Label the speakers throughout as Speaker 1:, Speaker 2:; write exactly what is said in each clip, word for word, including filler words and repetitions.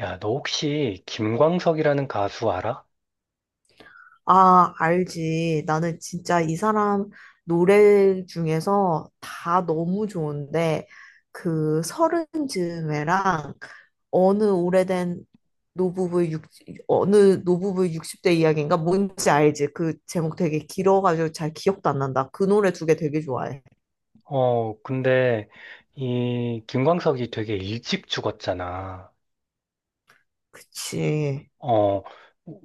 Speaker 1: 야, 너 혹시 김광석이라는 가수 알아?
Speaker 2: 아, 알지. 나는 진짜 이 사람 노래 중에서 다 너무 좋은데, 그 서른 즈음에랑 어느 오래된 노부부의 육, 어느 노부부의 육십 대 이야기인가? 뭔지 알지? 그 제목 되게 길어가지고 잘 기억도 안 난다. 그 노래 두 개 되게 좋아해.
Speaker 1: 어, 근데 이 김광석이 되게 일찍 죽었잖아.
Speaker 2: 그치.
Speaker 1: 어,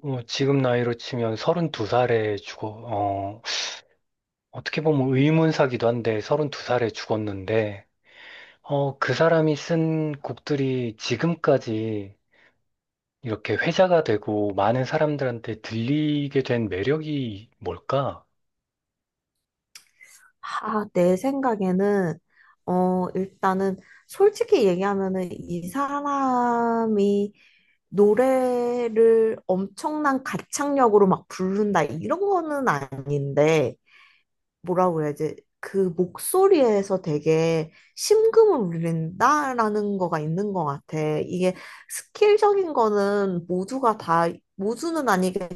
Speaker 1: 어, 지금 나이로 치면 서른두 살에 죽어, 어, 어떻게 보면 의문사기도 한데 서른두 살에 죽었는데, 어, 그 사람이 쓴 곡들이 지금까지 이렇게 회자가 되고 많은 사람들한테 들리게 된 매력이 뭘까?
Speaker 2: 아, 내 생각에는, 어, 일단은 솔직히 얘기하면은 이 사람이 노래를 엄청난 가창력으로 막 부른다 이런 거는 아닌데 뭐라고 해야지 그 목소리에서 되게 심금을 울린다라는 거가 있는 것 같아. 이게 스킬적인 거는 모두가 다 모두는 아니겠지만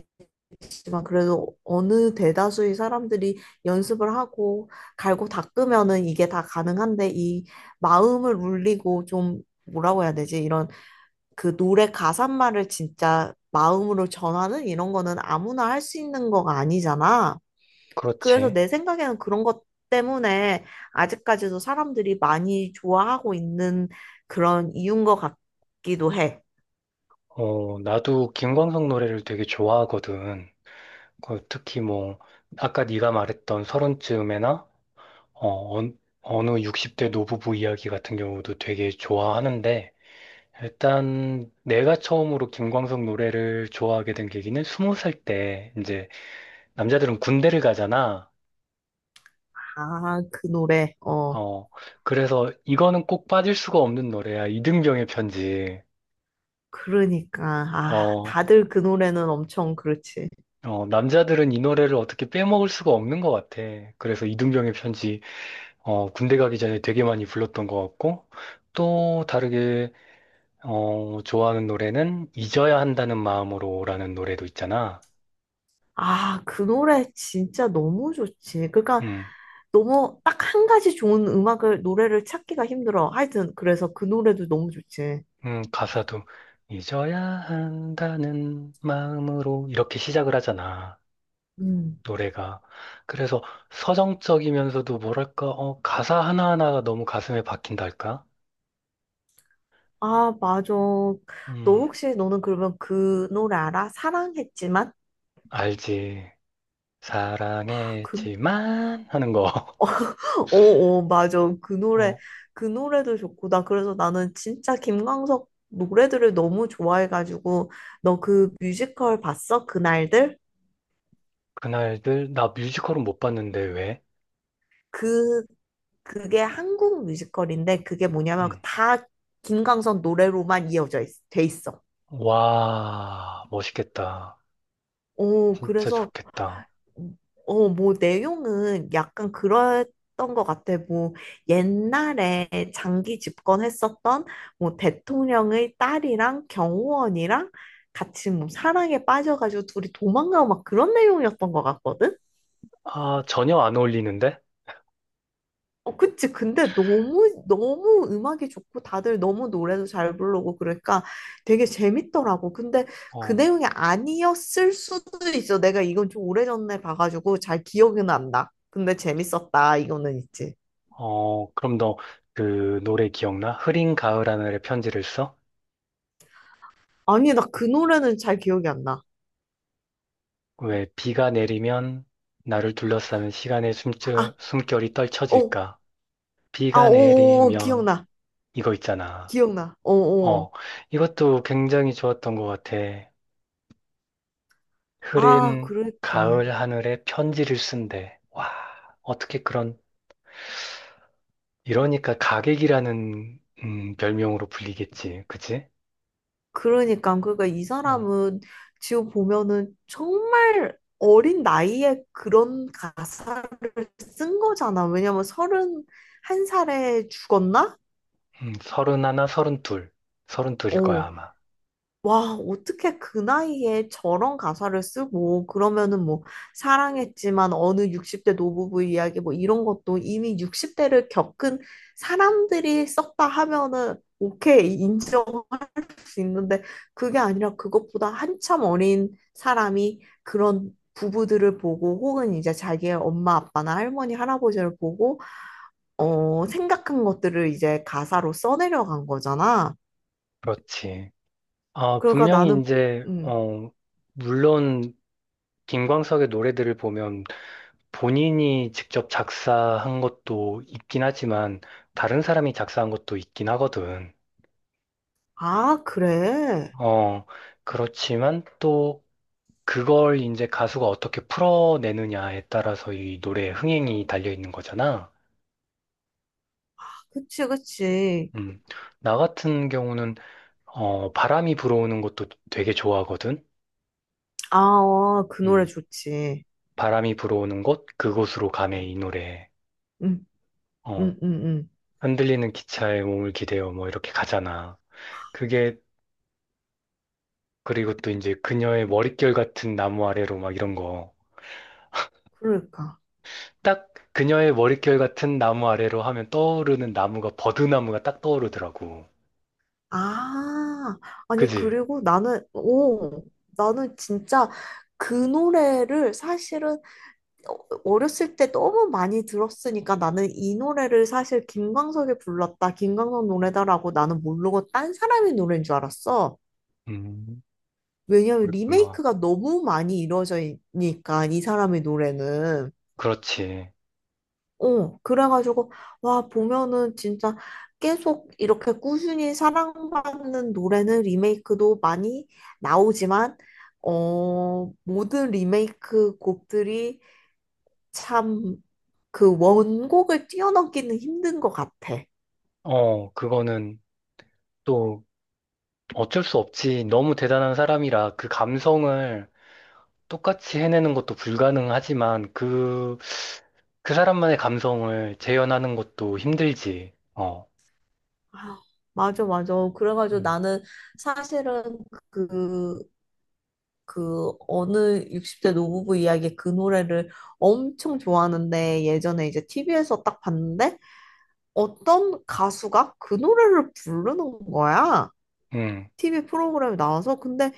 Speaker 2: 그래도 어느 대다수의 사람들이 연습을 하고 갈고 닦으면은 이게 다 가능한데 이 마음을 울리고 좀 뭐라고 해야 되지 이런 그 노래 가사말을 진짜 마음으로 전하는 이런 거는 아무나 할 수 있는 거가 아니잖아. 그래서
Speaker 1: 그렇지.
Speaker 2: 내 생각에는 그런 것 때문에 아직까지도 사람들이 많이 좋아하고 있는 그런 이유인 것 같기도 해.
Speaker 1: 어, 나도 김광석 노래를 되게 좋아하거든. 그 특히 뭐 아까 네가 말했던 서른쯤에나 어, 어- 어느 육십 대 노부부 이야기 같은 경우도 되게 좋아하는데 일단 내가 처음으로 김광석 노래를 좋아하게 된 계기는 스무 살 때 이제 남자들은 군대를 가잖아.
Speaker 2: 아, 그 노래. 어,
Speaker 1: 어 그래서 이거는 꼭 빠질 수가 없는 노래야. 이등병의 편지.
Speaker 2: 그러니까. 아,
Speaker 1: 어,
Speaker 2: 다들 그 노래는 엄청 그렇지.
Speaker 1: 어 남자들은 이 노래를 어떻게 빼먹을 수가 없는 것 같아. 그래서 이등병의 편지 어, 군대 가기 전에 되게 많이 불렀던 것 같고, 또 다르게, 어, 좋아하는 노래는 잊어야 한다는 마음으로라는 노래도 있잖아.
Speaker 2: 아, 그 노래 진짜 너무 좋지. 그러니까
Speaker 1: 음,
Speaker 2: 너무 딱 한 가지 좋은 음악을, 노래를 찾기가 힘들어. 하여튼, 그래서 그 노래도 너무 좋지.
Speaker 1: 음, 가사도 잊어야 한다는 마음으로 이렇게 시작을 하잖아.
Speaker 2: 음.
Speaker 1: 노래가. 그래서 서정적이면서도 뭐랄까, 어, 가사 하나하나가 너무 가슴에 박힌달까?
Speaker 2: 아, 맞아. 너
Speaker 1: 음,
Speaker 2: 혹시 너는 그러면 그 노래 알아? 사랑했지만?
Speaker 1: 알지.
Speaker 2: 아, 그,
Speaker 1: 사랑했지만 하는 거.
Speaker 2: 어, 어, 맞아. 그 노래,
Speaker 1: 어,
Speaker 2: 그 노래도 좋고. 나 그래서 나는 진짜 김광석 노래들을 너무 좋아해가지고. 너 그 뮤지컬 봤어? 그날들?
Speaker 1: 그날들, 나 뮤지컬은 못 봤는데 왜?
Speaker 2: 그, 그게 한국 뮤지컬인데 그게 뭐냐면
Speaker 1: 음.
Speaker 2: 다 김광석 노래로만 이어져 있, 돼 있어.
Speaker 1: 와, 멋있겠다.
Speaker 2: 오,
Speaker 1: 진짜
Speaker 2: 그래서
Speaker 1: 좋겠다.
Speaker 2: 어, 뭐, 내용은 약간 그랬던 것 같아. 뭐, 옛날에 장기 집권했었던 뭐, 대통령의 딸이랑 경호원이랑 같이 뭐, 사랑에 빠져가지고 둘이 도망가고 막 그런 내용이었던 것 같거든?
Speaker 1: 아, 전혀 안 어울리는데?
Speaker 2: 어, 그치. 근데 너무, 너무 음악이 좋고 다들 너무 노래도 잘 부르고 그러니까 되게 재밌더라고. 근데 그
Speaker 1: 어,
Speaker 2: 내용이 아니었을 수도 있어. 내가 이건 좀 오래전에 봐가지고 잘 기억은 안 나. 근데 재밌었다. 이거는 있지.
Speaker 1: 어, 그럼 너 그 노래 기억나? 흐린 가을 하늘의 편지를 써?
Speaker 2: 아니, 나 그 노래는 잘 기억이 안 나.
Speaker 1: 왜 비가 내리면 나를 둘러싸는 시간의
Speaker 2: 아,
Speaker 1: 숨결, 숨결이
Speaker 2: 어,
Speaker 1: 떨쳐질까?
Speaker 2: 아,
Speaker 1: 비가
Speaker 2: 오, 오,
Speaker 1: 내리면
Speaker 2: 기억나.
Speaker 1: 이거 있잖아.
Speaker 2: 기억나. 어, 어.
Speaker 1: 어, 이것도 굉장히 좋았던 것 같아.
Speaker 2: 아,
Speaker 1: 흐린
Speaker 2: 그러니까.
Speaker 1: 가을 하늘에 편지를 쓴대. 와, 어떻게 그런 이러니까 가객이라는 음, 별명으로 불리겠지. 그치?
Speaker 2: 그러니까. 그러니까 이
Speaker 1: 어,
Speaker 2: 사람은 지금 보면은 정말 어린 나이에 그런 가사 쓴 거잖아. 왜냐면 서른 한 살에 죽었나?
Speaker 1: 음, 서른하나, 서른둘. 서른둘일 거야,
Speaker 2: 어,
Speaker 1: 아마.
Speaker 2: 와, 어떻게 그 나이에 저런 가사를 쓰고, 그러면은 뭐, 사랑했지만 어느 육십 대 노부부 이야기 뭐 이런 것도 이미 육십 대를 겪은 사람들이 썼다 하면은, 오케이, 인정할 수 있는데, 그게 아니라 그것보다 한참 어린 사람이 그런 부부들을 보고, 혹은 이제 자기의 엄마, 아빠나 할머니, 할아버지를 보고, 어, 생각한 것들을 이제 가사로 써내려간 거잖아.
Speaker 1: 그렇지. 아,
Speaker 2: 그러니까
Speaker 1: 분명히
Speaker 2: 나는,
Speaker 1: 이제,
Speaker 2: 음,
Speaker 1: 어, 물론 김광석의 노래들을 보면 본인이 직접 작사한 것도 있긴 하지만 다른 사람이 작사한 것도 있긴 하거든.
Speaker 2: 아, 그래.
Speaker 1: 어, 그렇지만 또 그걸 이제 가수가 어떻게 풀어내느냐에 따라서 이 노래의 흥행이 달려 있는 거잖아.
Speaker 2: 그치, 그치.
Speaker 1: 음, 나 같은 경우는 어, 바람이 불어오는 것도 되게 좋아하거든.
Speaker 2: 아, 어, 그 노래
Speaker 1: 음,
Speaker 2: 좋지.
Speaker 1: 바람이 불어오는 곳 그곳으로 가네 이 노래.
Speaker 2: 응, 응,
Speaker 1: 어,
Speaker 2: 응, 응.
Speaker 1: 흔들리는 기차에 몸을 기대어 뭐 이렇게 가잖아. 그게 그리고 또 이제 그녀의 머릿결 같은 나무 아래로 막 이런 거.
Speaker 2: 그러니까.
Speaker 1: 딱 그녀의 머릿결 같은 나무 아래로 하면 떠오르는 나무가 버드나무가 딱 떠오르더라고.
Speaker 2: 아, 아니,
Speaker 1: 그지?
Speaker 2: 그리고 나는, 오, 나는 진짜 그 노래를 사실은 어- 어렸을 때 너무 많이 들었으니까 나는 이 노래를 사실 김광석이 불렀다, 김광석 노래다라고 나는 모르고 딴 사람의 노래인 줄 알았어.
Speaker 1: 음,
Speaker 2: 왜냐면
Speaker 1: 그랬구나.
Speaker 2: 리메이크가 너무 많이 이루어져 있으니까 이 사람의 노래는
Speaker 1: 그렇지.
Speaker 2: 어 그래가지고 와 보면은 진짜 계속 이렇게 꾸준히 사랑받는 노래는 리메이크도 많이 나오지만 어 모든 리메이크 곡들이 참 그 원곡을 뛰어넘기는 힘든 것 같아.
Speaker 1: 어, 그거는 또 어쩔 수 없지. 너무 대단한 사람이라 그 감성을 똑같이 해내는 것도 불가능하지만 그, 그 사람만의 감성을 재현하는 것도 힘들지. 어.
Speaker 2: 아, 맞아 맞아. 그래가지고
Speaker 1: 음.
Speaker 2: 나는 사실은 그 그 어느 육십 대 노부부 이야기 그 노래를 엄청 좋아하는데 예전에 이제 티비에서 딱 봤는데 어떤 가수가 그 노래를 부르는 거야.
Speaker 1: 음.
Speaker 2: 티비 프로그램에 나와서 근데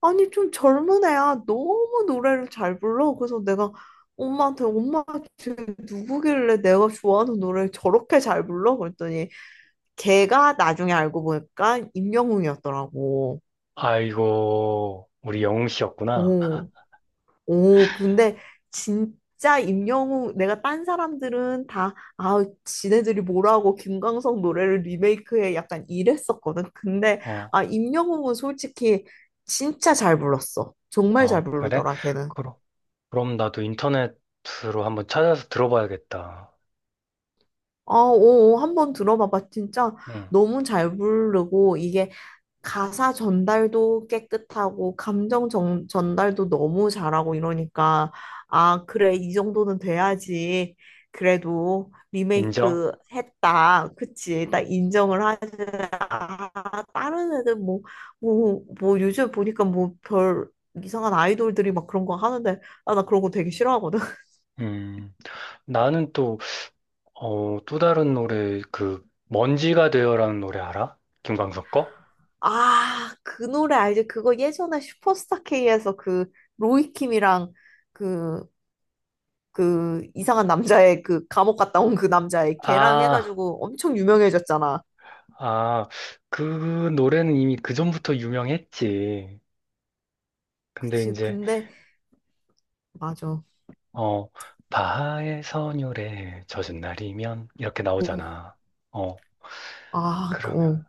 Speaker 2: 아니 좀 젊은 애야 너무 노래를 잘 불러. 그래서 내가 엄마한테 엄마 지금 누구길래 내가 좋아하는 노래를 저렇게 잘 불러? 그랬더니 걔가 나중에 알고 보니까 임영웅이었더라고.
Speaker 1: 아이고, 우리 영웅 씨였구나.
Speaker 2: 오. 오, 근데 진짜 임영웅, 내가 딴 사람들은 다, 아, 지네들이 뭐라고 김광석 노래를 리메이크해 약간 이랬었거든. 근데,
Speaker 1: 어,
Speaker 2: 아, 임영웅은 솔직히 진짜 잘 불렀어. 정말
Speaker 1: 어,
Speaker 2: 잘
Speaker 1: 그래?
Speaker 2: 부르더라, 걔는.
Speaker 1: 그럼, 그럼, 나도 인터넷으로 한번 찾아서 들어봐야겠다.
Speaker 2: 아, 오, 오, 한번 들어봐봐. 진짜
Speaker 1: 응
Speaker 2: 너무 잘 부르고, 이게 가사 전달도 깨끗하고 감정 전, 전달도 너무 잘하고 이러니까 아 그래 이 정도는 돼야지 그래도
Speaker 1: 인정?
Speaker 2: 리메이크 했다 그치 나 인정을 하자. 아, 다른 애들 뭐 뭐 뭐 요즘 보니까 뭐 별 이상한 아이돌들이 막 그런 거 하는데 아 나 그런 거 되게 싫어하거든
Speaker 1: 음. 나는 또, 어, 또 다른 노래, 그, 먼지가 되어라는 노래 알아? 김광석 거?
Speaker 2: 아 그 노래 알지 그거 예전에 슈퍼스타 K에서 그 로이킴이랑 그 그 이상한 남자의 그 감옥 갔다 온 그 남자의 걔랑
Speaker 1: 아.
Speaker 2: 해가지고 엄청 유명해졌잖아.
Speaker 1: 아, 그 노래는 이미 그전부터 유명했지. 근데
Speaker 2: 그치.
Speaker 1: 이제,
Speaker 2: 근데 맞아.
Speaker 1: 어, 바하의 선율에 젖은 날이면 이렇게
Speaker 2: 어.
Speaker 1: 나오잖아. 어,
Speaker 2: 아, 그,
Speaker 1: 그러면
Speaker 2: 어.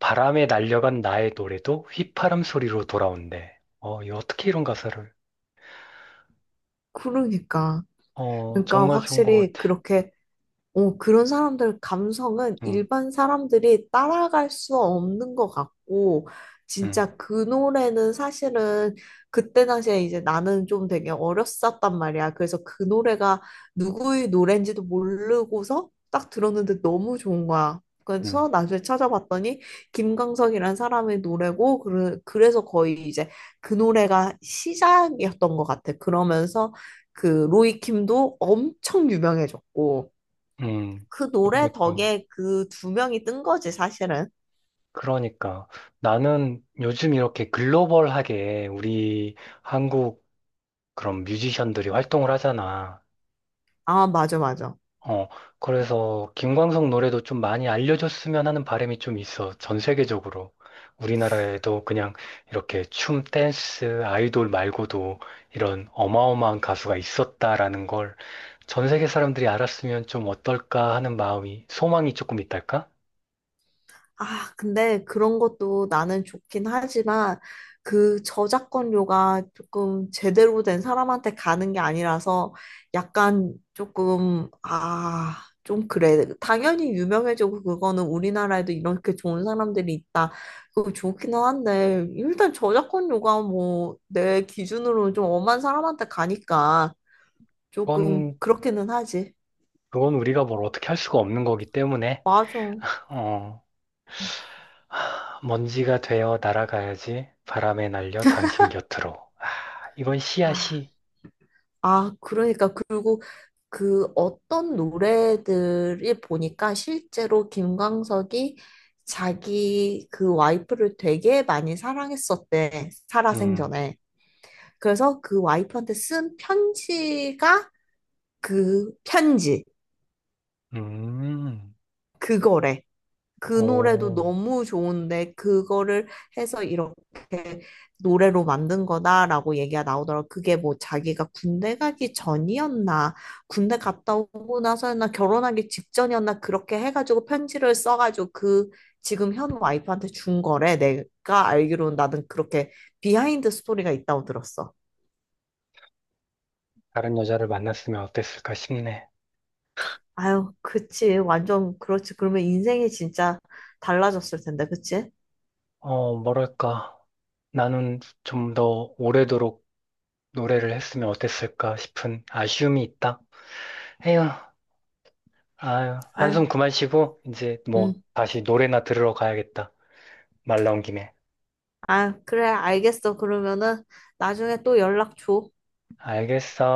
Speaker 1: 바람에 날려간 나의 노래도 휘파람 소리로 돌아온대. 어, 이 어떻게 이런 가사를?
Speaker 2: 그러니까.
Speaker 1: 어,
Speaker 2: 그러니까
Speaker 1: 정말 좋은 것
Speaker 2: 확실히
Speaker 1: 같아.
Speaker 2: 그렇게 어, 그런 사람들 감성은
Speaker 1: 응,
Speaker 2: 일반 사람들이 따라갈 수 없는 것 같고,
Speaker 1: 응,
Speaker 2: 진짜 그 노래는 사실은 그때 당시에 이제 나는 좀 되게 어렸었단 말이야. 그래서 그 노래가 누구의 노래인지도 모르고서 딱 들었는데 너무 좋은 거야.
Speaker 1: 응,
Speaker 2: 그래서 나중에 찾아봤더니 김광석이라는 사람의 노래고, 그래- 그래서 거의 이제 그 노래가 시작이었던 것 같아. 그러면서 그 로이킴도 엄청 유명해졌고,
Speaker 1: 응.
Speaker 2: 그 노래
Speaker 1: 그러니까.
Speaker 2: 덕에 그 두 명이 뜬 거지, 사실은.
Speaker 1: 그러니까 나는 요즘 이렇게 글로벌하게 우리 한국 그런 뮤지션들이 활동을 하잖아.
Speaker 2: 아, 맞아, 맞아.
Speaker 1: 어, 그래서 김광석 노래도 좀 많이 알려줬으면 하는 바람이 좀 있어. 전 세계적으로. 우리나라에도 그냥 이렇게 춤, 댄스, 아이돌 말고도 이런 어마어마한 가수가 있었다라는 걸 전 세계 사람들이 알았으면 좀 어떨까 하는 마음이, 소망이 조금 있달까?
Speaker 2: 아, 근데 그런 것도 나는 좋긴 하지만 그 저작권료가 조금 제대로 된 사람한테 가는 게 아니라서 약간 조금, 아, 좀 그래. 당연히 유명해지고 그거는 우리나라에도 이렇게 좋은 사람들이 있다. 그거 좋기는 한데 일단 저작권료가 뭐 내 기준으로는 좀 엄한 사람한테 가니까 조금
Speaker 1: 그건,
Speaker 2: 그렇기는 하지.
Speaker 1: 그건 우리가 뭘 어떻게 할 수가 없는 거기 때문에,
Speaker 2: 맞아.
Speaker 1: 어, 하, 먼지가 되어 날아가야지 바람에 날려 당신 곁으로. 아, 이건 시야
Speaker 2: 아,
Speaker 1: 시.
Speaker 2: 아, 그러니까 그리고 그 어떤 노래들이 보니까 실제로 김광석이 자기 그 와이프를 되게 많이 사랑했었대.
Speaker 1: 음.
Speaker 2: 살아생전에. 그래서 그 와이프한테 쓴 편지가 그 편지
Speaker 1: 음,
Speaker 2: 그거래. 그 노래도
Speaker 1: 오,
Speaker 2: 너무 좋은데 그거를 해서 이렇게 노래로 만든 거다라고 얘기가 나오더라고. 그게 뭐 자기가 군대 가기 전이었나, 군대 갔다 오고 나서였나, 결혼하기 직전이었나 그렇게 해가지고 편지를 써가지고 그 지금 현 와이프한테 준 거래. 내가 알기로는 나는 그렇게 비하인드 스토리가 있다고 들었어.
Speaker 1: 다른 여자를 만났으면 어땠을까 싶네.
Speaker 2: 아유, 그치. 완전 그렇지. 그러면 인생이 진짜 달라졌을 텐데, 그치?
Speaker 1: 어, 뭐랄까. 나는 좀 더 오래도록 노래를 했으면 어땠을까 싶은 아쉬움이 있다. 에휴, 아유, 한숨
Speaker 2: 아유.
Speaker 1: 그만 쉬고, 이제 뭐,
Speaker 2: 음.
Speaker 1: 다시 노래나 들으러 가야겠다. 말 나온 김에.
Speaker 2: 아, 그래, 알겠어. 그러면은 나중에 또 연락 줘.
Speaker 1: 알겠어.